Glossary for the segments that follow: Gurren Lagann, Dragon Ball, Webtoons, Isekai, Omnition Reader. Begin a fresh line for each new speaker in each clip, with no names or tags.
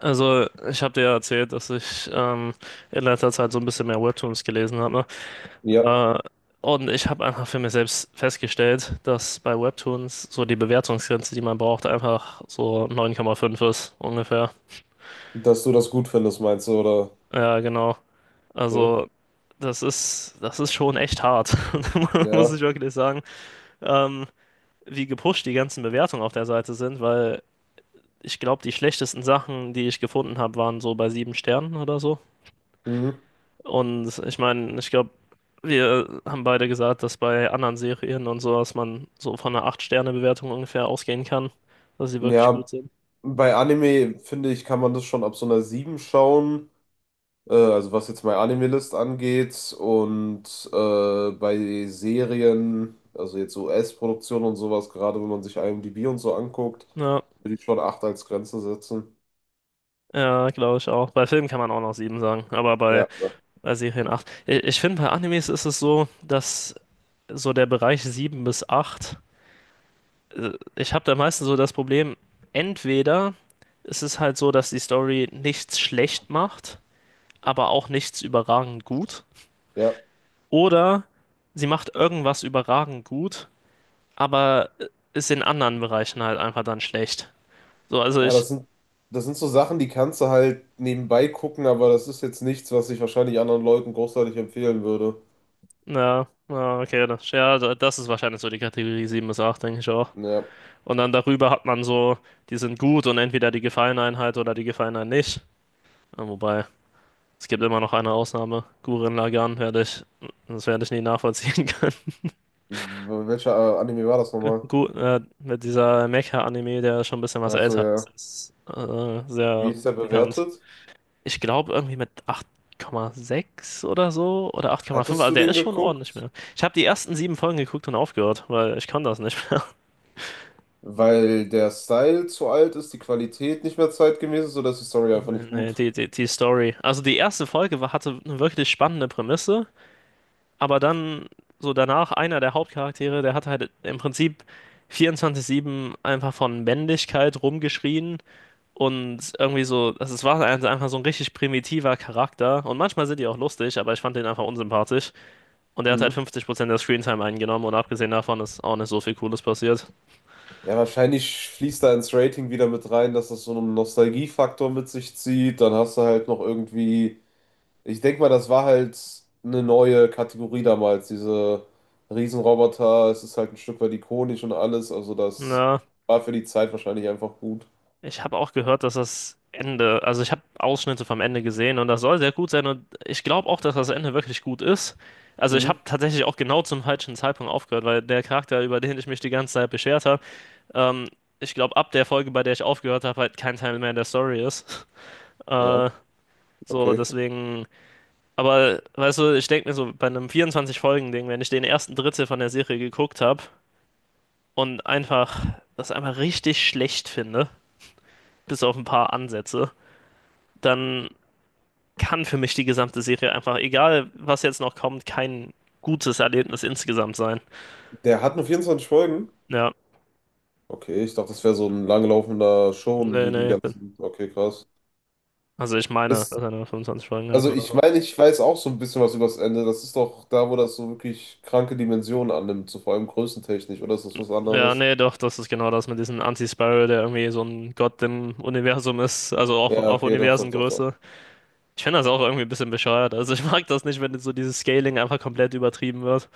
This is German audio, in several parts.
Also, ich habe dir ja erzählt, dass ich in letzter Zeit so ein bisschen mehr Webtoons gelesen habe.
Ja,
Ne? Und ich habe einfach für mich selbst festgestellt, dass bei Webtoons so die Bewertungsgrenze, die man braucht, einfach so 9,5 ist ungefähr.
dass du das gut findest, meinst du, oder?
Ja, genau.
Okay.
Also, das ist schon echt hart, muss
Ja.
ich wirklich sagen. Ähm, Wie gepusht die ganzen Bewertungen auf der Seite sind, weil ich glaube, die schlechtesten Sachen, die ich gefunden habe, waren so bei sieben Sternen oder so.
Mhm.
Und ich meine, ich glaube, wir haben beide gesagt, dass bei anderen Serien und sowas man so von einer acht Sterne Bewertung ungefähr ausgehen kann, dass sie wirklich gut
Ja,
sind.
bei Anime, finde ich, kann man das schon ab so einer 7 schauen. Also was jetzt meine Anime-List angeht. Und bei Serien, also jetzt US-Produktion und sowas, gerade wenn man sich IMDb und so anguckt,
Ja,
würde ich schon 8 als Grenze setzen.
ja, glaube ich auch. Bei Filmen kann man auch noch 7 sagen, aber bei,
Ja, ja.
bei Serien acht. Ich finde, bei Animes ist es so, dass so der Bereich 7 bis acht. Ich habe da meistens so das Problem, entweder ist es halt so, dass die Story nichts schlecht macht, aber auch nichts überragend gut.
Ja,
Oder sie macht irgendwas überragend gut, aber ist in anderen Bereichen halt einfach dann schlecht. So, also
ja,
ich,
das sind so Sachen, die kannst du halt nebenbei gucken, aber das ist jetzt nichts, was ich wahrscheinlich anderen Leuten großartig empfehlen würde.
na, na, okay, das, ja, das ist wahrscheinlich so die Kategorie 7 bis acht, denke ich auch.
Ja.
Und dann darüber hat man so, die sind gut und entweder die gefallen einem halt oder die gefallen einem nicht. Ja, wobei, es gibt immer noch eine Ausnahme. Gurren Lagann das werde ich nie nachvollziehen können.
Welcher Anime war das nochmal?
Gut, mit dieser Mecha-Anime, der schon ein bisschen was
Also
älter ist,
ja.
ist
Wie
sehr
ist der
bekannt.
bewertet?
Ich glaube, irgendwie mit 8,6 oder so oder 8,5.
Hattest
Also
du
der
den
ist schon ordentlich
geguckt?
mehr. Ich habe die ersten sieben Folgen geguckt und aufgehört, weil ich kann das nicht mehr.
Weil der Style zu alt ist, die Qualität nicht mehr zeitgemäß ist oder ist die Story einfach
Nee,
nicht
nee,
gut?
die Story. Also die erste Folge hatte eine wirklich spannende Prämisse, aber dann so danach einer der Hauptcharaktere, der hat halt im Prinzip 24/7 einfach von Männlichkeit rumgeschrien und irgendwie so, also es war einfach so ein richtig primitiver Charakter und manchmal sind die auch lustig, aber ich fand den einfach unsympathisch. Und er hat
Hm.
halt 50% der Screentime eingenommen und abgesehen davon ist auch nicht so viel Cooles passiert.
Ja, wahrscheinlich fließt da ins Rating wieder mit rein, dass das so einen Nostalgiefaktor mit sich zieht. Dann hast du halt noch irgendwie. Ich denke mal, das war halt eine neue Kategorie damals. Diese Riesenroboter, es ist halt ein Stück weit ikonisch und alles. Also, das
Na,
war für die Zeit wahrscheinlich einfach gut.
ich habe auch gehört, dass das Ende, also ich habe Ausschnitte vom Ende gesehen und das soll sehr gut sein und ich glaube auch, dass das Ende wirklich gut ist. Also ich
Mhm.
habe tatsächlich auch genau zum falschen Zeitpunkt aufgehört, weil der Charakter, über den ich mich die ganze Zeit beschert habe, ähm, ich glaube ab der Folge, bei der ich aufgehört habe, halt kein Teil mehr der Story ist.
Ja.
Äh, so,
Okay.
deswegen, aber weißt du, ich denke mir so, bei einem 24 Folgen Ding, wenn ich den ersten Drittel von der Serie geguckt habe, und einfach das einfach richtig schlecht finde, bis auf ein paar Ansätze, dann kann für mich die gesamte Serie einfach, egal was jetzt noch kommt, kein gutes Erlebnis insgesamt sein.
Der hat nur 24 Folgen?
Ja,
Okay, ich dachte, das wäre so ein langlaufender Schon
nee,
wie die
nee.
ganzen. Okay, krass.
Also ich meine,
Ist,
dass er nur 25 Folgen hat
also
oder
ich
so.
meine, ich weiß auch so ein bisschen was über das Ende. Das ist doch da, wo das so wirklich kranke Dimensionen annimmt, so vor allem größentechnisch, oder ist das was
Ja,
anderes?
nee, doch, das ist genau das mit diesem Anti-Spiral, der irgendwie so ein Gott im Universum ist, also
Ja,
auf
okay, doch, doch, doch, doch.
Universengröße. Ich finde das auch irgendwie ein bisschen bescheuert. Also ich mag das nicht, wenn so dieses Scaling einfach komplett übertrieben wird.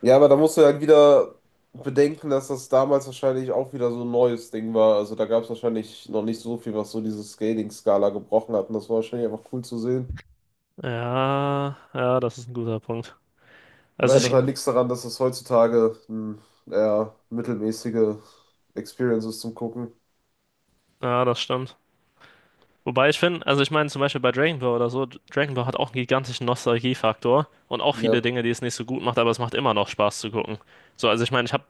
Ja, aber da musst du ja halt wieder bedenken, dass das damals wahrscheinlich auch wieder so ein neues Ding war. Also da gab es wahrscheinlich noch nicht so viel, was so diese Scaling-Skala gebrochen hat. Und das war wahrscheinlich einfach cool zu sehen.
Ja, ja, das ist ein guter Punkt.
Aber
Also
ändert
ich.
halt nichts daran, dass es heutzutage eine eher mittelmäßige Experience ist zum Gucken.
Ja, das stimmt. Wobei ich finde, also ich meine zum Beispiel bei Dragon Ball oder so, Dragon Ball hat auch einen gigantischen Nostalgiefaktor und auch
Ja.
viele Dinge, die es nicht so gut macht, aber es macht immer noch Spaß zu gucken. So, also ich meine, ich habe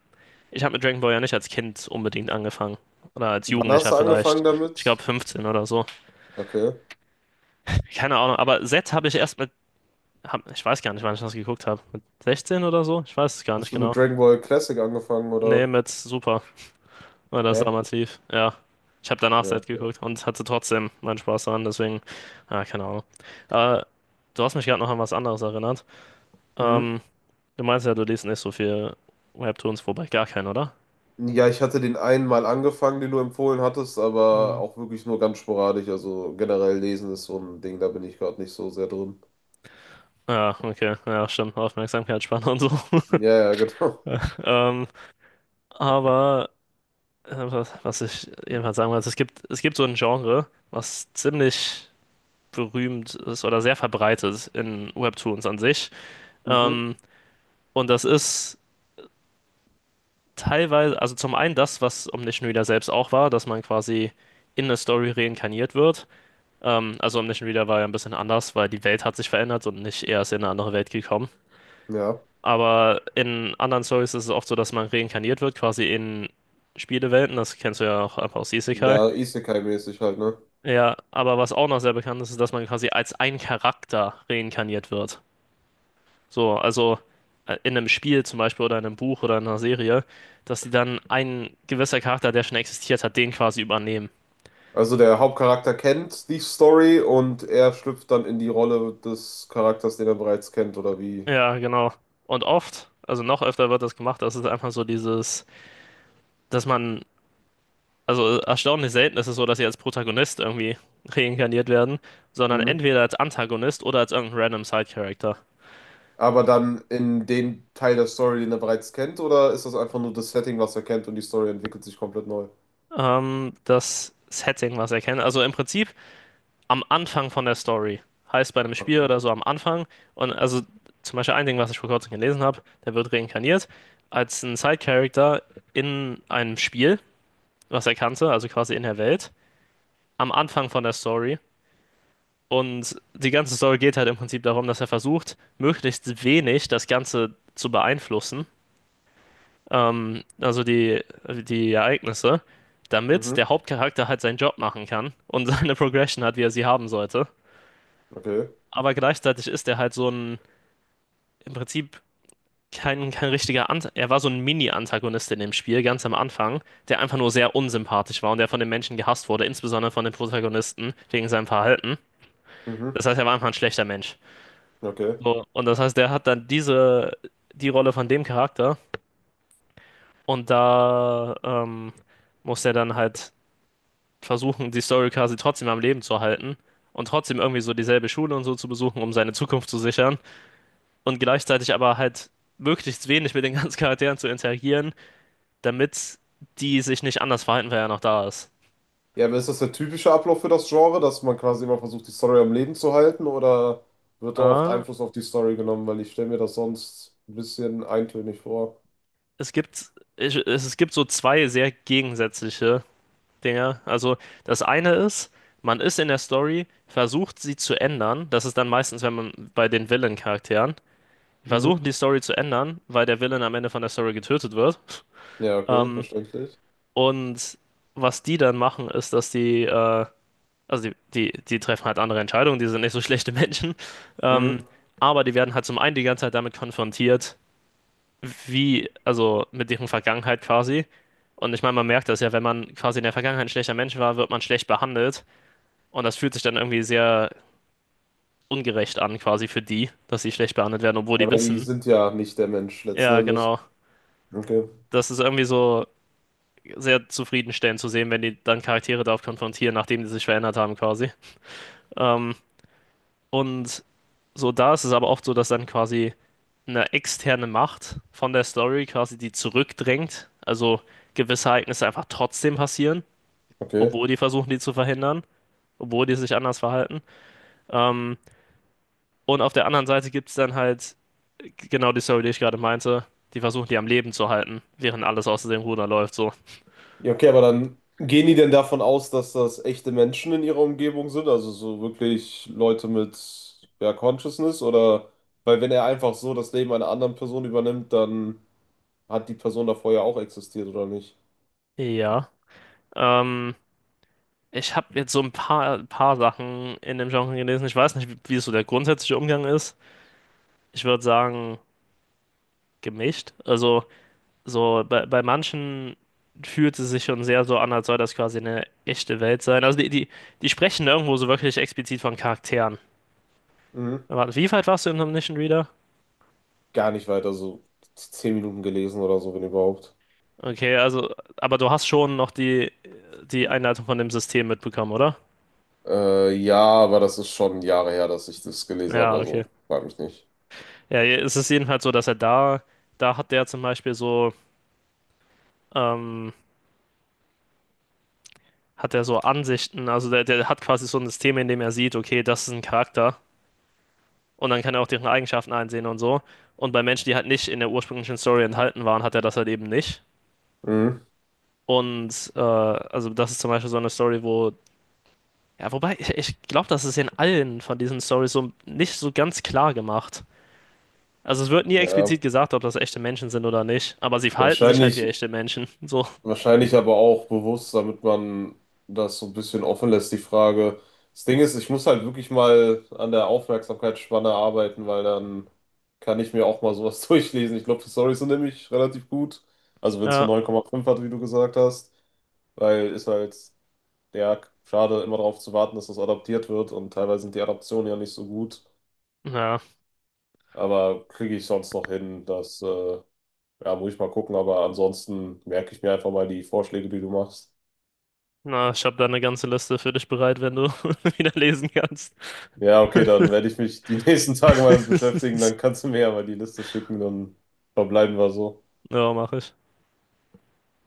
ich hab mit Dragon Ball ja nicht als Kind unbedingt angefangen. Oder als
Wann hast
Jugendlicher
du
vielleicht.
angefangen
Ich glaube
damit?
15 oder so.
Okay.
Keine Ahnung, aber Z habe ich erst ich weiß gar nicht, wann ich das geguckt habe. Mit 16 oder so? Ich weiß es gar
Hast
nicht
du mit
genau.
Dragon Ball Classic angefangen
Nee,
oder?
mit Super. War das
Hä?
damals lief, ja. Ich habe danach
Ja,
Set
okay.
geguckt und hatte trotzdem meinen Spaß daran, deswegen, ah, keine Ahnung. Aber du hast mich gerade noch an was anderes erinnert.
Mhm.
Ähm, Du meinst ja, du liest nicht so viel Webtoons, wobei gar keinen, oder?
Ja, ich hatte den einen mal angefangen, den du empfohlen hattest, aber
Ja.
auch wirklich nur ganz sporadisch. Also generell lesen ist so ein Ding, da bin ich gerade nicht so sehr drin.
Ja, okay, ja, stimmt, Aufmerksamkeitsspanne und so.
Ja, ja, genau.
Ähm, aber was ich jedenfalls sagen wollte, es gibt so ein Genre, was ziemlich berühmt ist oder sehr verbreitet in Webtoons an sich.
Mhm.
Ähm, und das ist teilweise, also zum einen das, was Omnition Reader selbst auch war, dass man quasi in eine Story reinkarniert wird. Also Omnition Reader war ja ein bisschen anders, weil die Welt hat sich verändert und nicht er ist in eine andere Welt gekommen.
Ja.
Aber in anderen Stories ist es oft so, dass man reinkarniert wird, quasi in Spielewelten. Das kennst du ja auch einfach aus Isekai.
Ja, Isekai-mäßig halt, ne?
Ja, aber was auch noch sehr bekannt ist, ist, dass man quasi als ein Charakter reinkarniert wird. So, also in einem Spiel zum Beispiel oder in einem Buch oder in einer Serie, dass die dann ein gewisser Charakter, der schon existiert hat, den quasi übernehmen.
Also der Hauptcharakter kennt die Story und er schlüpft dann in die Rolle des Charakters, den er bereits kennt, oder wie?
Ja, genau. Und oft, also noch öfter wird das gemacht, das ist einfach so dieses, dass man, also erstaunlich selten ist es so, dass sie als Protagonist irgendwie reinkarniert werden, sondern
Mhm.
entweder als Antagonist oder als irgendein random Side-Character.
Aber dann in den Teil der Story, den er bereits kennt, oder ist das einfach nur das Setting, was er kennt und die Story entwickelt sich komplett neu?
Das Setting, was er kennt. Also im Prinzip am Anfang von der Story. Heißt bei einem Spiel
Okay.
oder so am Anfang. Und also zum Beispiel ein Ding, was ich vor kurzem gelesen habe, der wird reinkarniert als ein Side-Character in einem Spiel, was er kannte, also quasi in der Welt, am Anfang von der Story. Und die ganze Story geht halt im Prinzip darum, dass er versucht, möglichst wenig das Ganze zu beeinflussen, also die, die Ereignisse, damit der
Mhm.
Hauptcharakter halt seinen Job machen kann und seine Progression hat, wie er sie haben sollte.
Okay.
Aber gleichzeitig ist er halt so ein im Prinzip kein, kein richtiger Ant er war so ein Mini-Antagonist in dem Spiel, ganz am Anfang, der einfach nur sehr unsympathisch war und der von den Menschen gehasst wurde, insbesondere von den Protagonisten, wegen seinem Verhalten.
Mhm.
Das heißt, er war einfach ein schlechter Mensch.
Okay.
So, und das heißt, der hat dann diese, die Rolle von dem Charakter und da muss er dann halt versuchen, die Story quasi trotzdem am Leben zu halten und trotzdem irgendwie so dieselbe Schule und so zu besuchen, um seine Zukunft zu sichern und gleichzeitig aber halt möglichst wenig mit den ganzen Charakteren zu interagieren, damit die sich nicht anders verhalten, wenn er noch da ist.
Ja, aber ist das der typische Ablauf für das Genre, dass man quasi immer versucht, die Story am Leben zu halten, oder wird da oft
Ah,
Einfluss auf die Story genommen? Weil ich stelle mir das sonst ein bisschen eintönig vor.
es gibt so zwei sehr gegensätzliche Dinge. Also das eine ist, man ist in der Story, versucht sie zu ändern. Das ist dann meistens, wenn man bei den Villain-Charakteren
Mhm.
versucht, die Story zu ändern, weil der Villain am Ende von der Story getötet wird.
Ja, okay,
Ähm,
verständlich.
und was die dann machen, ist, dass also die treffen halt andere Entscheidungen, die sind nicht so schlechte Menschen. Ähm,
Mhm.
aber die werden halt zum einen die ganze Zeit damit konfrontiert, wie, also mit deren Vergangenheit quasi. Und ich meine, man merkt das ja, wenn man quasi in der Vergangenheit ein schlechter Mensch war, wird man schlecht behandelt. Und das fühlt sich dann irgendwie sehr ungerecht an, quasi für die, dass sie schlecht behandelt werden, obwohl die
Ja, weil die
wissen.
sind ja nicht der Mensch letzten
Ja,
Endes.
genau.
Okay,
Das ist irgendwie so sehr zufriedenstellend zu sehen, wenn die dann Charaktere darauf konfrontieren, nachdem die sich verändert haben, quasi. Ähm, und so da ist es aber oft so, dass dann quasi eine externe Macht von der Story quasi die zurückdrängt. Also gewisse Ereignisse einfach trotzdem passieren,
okay.
obwohl die versuchen, die zu verhindern, obwohl die sich anders verhalten. Ähm, und auf der anderen Seite gibt es dann halt genau die Story, die ich gerade meinte. Die versuchen, die am Leben zu halten, während alles aus dem Ruder läuft, so.
Ja, okay, aber dann gehen die denn davon aus, dass das echte Menschen in ihrer Umgebung sind? Also so wirklich Leute mit, ja, Consciousness? Oder, weil wenn er einfach so das Leben einer anderen Person übernimmt, dann hat die Person davor ja auch existiert, oder nicht?
Ja. Ähm, Ich habe jetzt so ein paar Sachen in dem Genre gelesen. Ich weiß nicht, wie so der grundsätzliche Umgang ist. Ich würde sagen, gemischt. Also, so bei manchen fühlt es sich schon sehr so an, als soll das quasi eine echte Welt sein. Also, die sprechen irgendwo so wirklich explizit von Charakteren.
Mhm.
Warte, wie weit warst du im Omnition Reader?
Gar nicht weiter, so 10 Minuten gelesen oder so, wenn überhaupt.
Okay, also, aber du hast schon noch die, die Einleitung von dem System mitbekommen, oder?
Ja, aber das ist schon Jahre her, dass ich das gelesen habe,
Ja, okay.
also frag mich nicht.
Ja, Es ist jedenfalls so, dass er da hat der zum Beispiel so, ähm, hat er so Ansichten, also der hat quasi so ein System, in dem er sieht, okay, das ist ein Charakter und dann kann er auch deren Eigenschaften einsehen und so. Und bei Menschen, die halt nicht in der ursprünglichen Story enthalten waren, hat er das halt eben nicht.
Mhm.
Und also das ist zum Beispiel so eine Story, wo Ja, wobei, ich glaube, das ist in allen von diesen Stories so nicht so ganz klar gemacht. Also es wird nie
Ja.
explizit gesagt, ob das echte Menschen sind oder nicht, aber sie
Ja,
verhalten sich halt wie
wahrscheinlich,
echte Menschen. So.
Wahrscheinlich aber auch bewusst, damit man das so ein bisschen offen lässt, die Frage. Das Ding ist, ich muss halt wirklich mal an der Aufmerksamkeitsspanne arbeiten, weil dann kann ich mir auch mal sowas durchlesen. Ich glaube, die Storys sind nämlich relativ gut. Also wenn es nur
Ja,
9,5 hat, wie du gesagt hast, weil ist halt, ja, schade, immer darauf zu warten, dass das adaptiert wird und teilweise sind die Adaptionen ja nicht so gut.
ja.
Aber kriege ich sonst noch hin, das, ja, muss ich mal gucken. Aber ansonsten merke ich mir einfach mal die Vorschläge, die du machst.
Na, ich habe da eine ganze Liste für dich bereit, wenn du wieder lesen kannst.
Ja, okay, dann werde ich mich die nächsten Tage mal damit beschäftigen. Dann kannst du mir ja mal die Liste schicken, dann verbleiben wir so.
Ja, mache ich.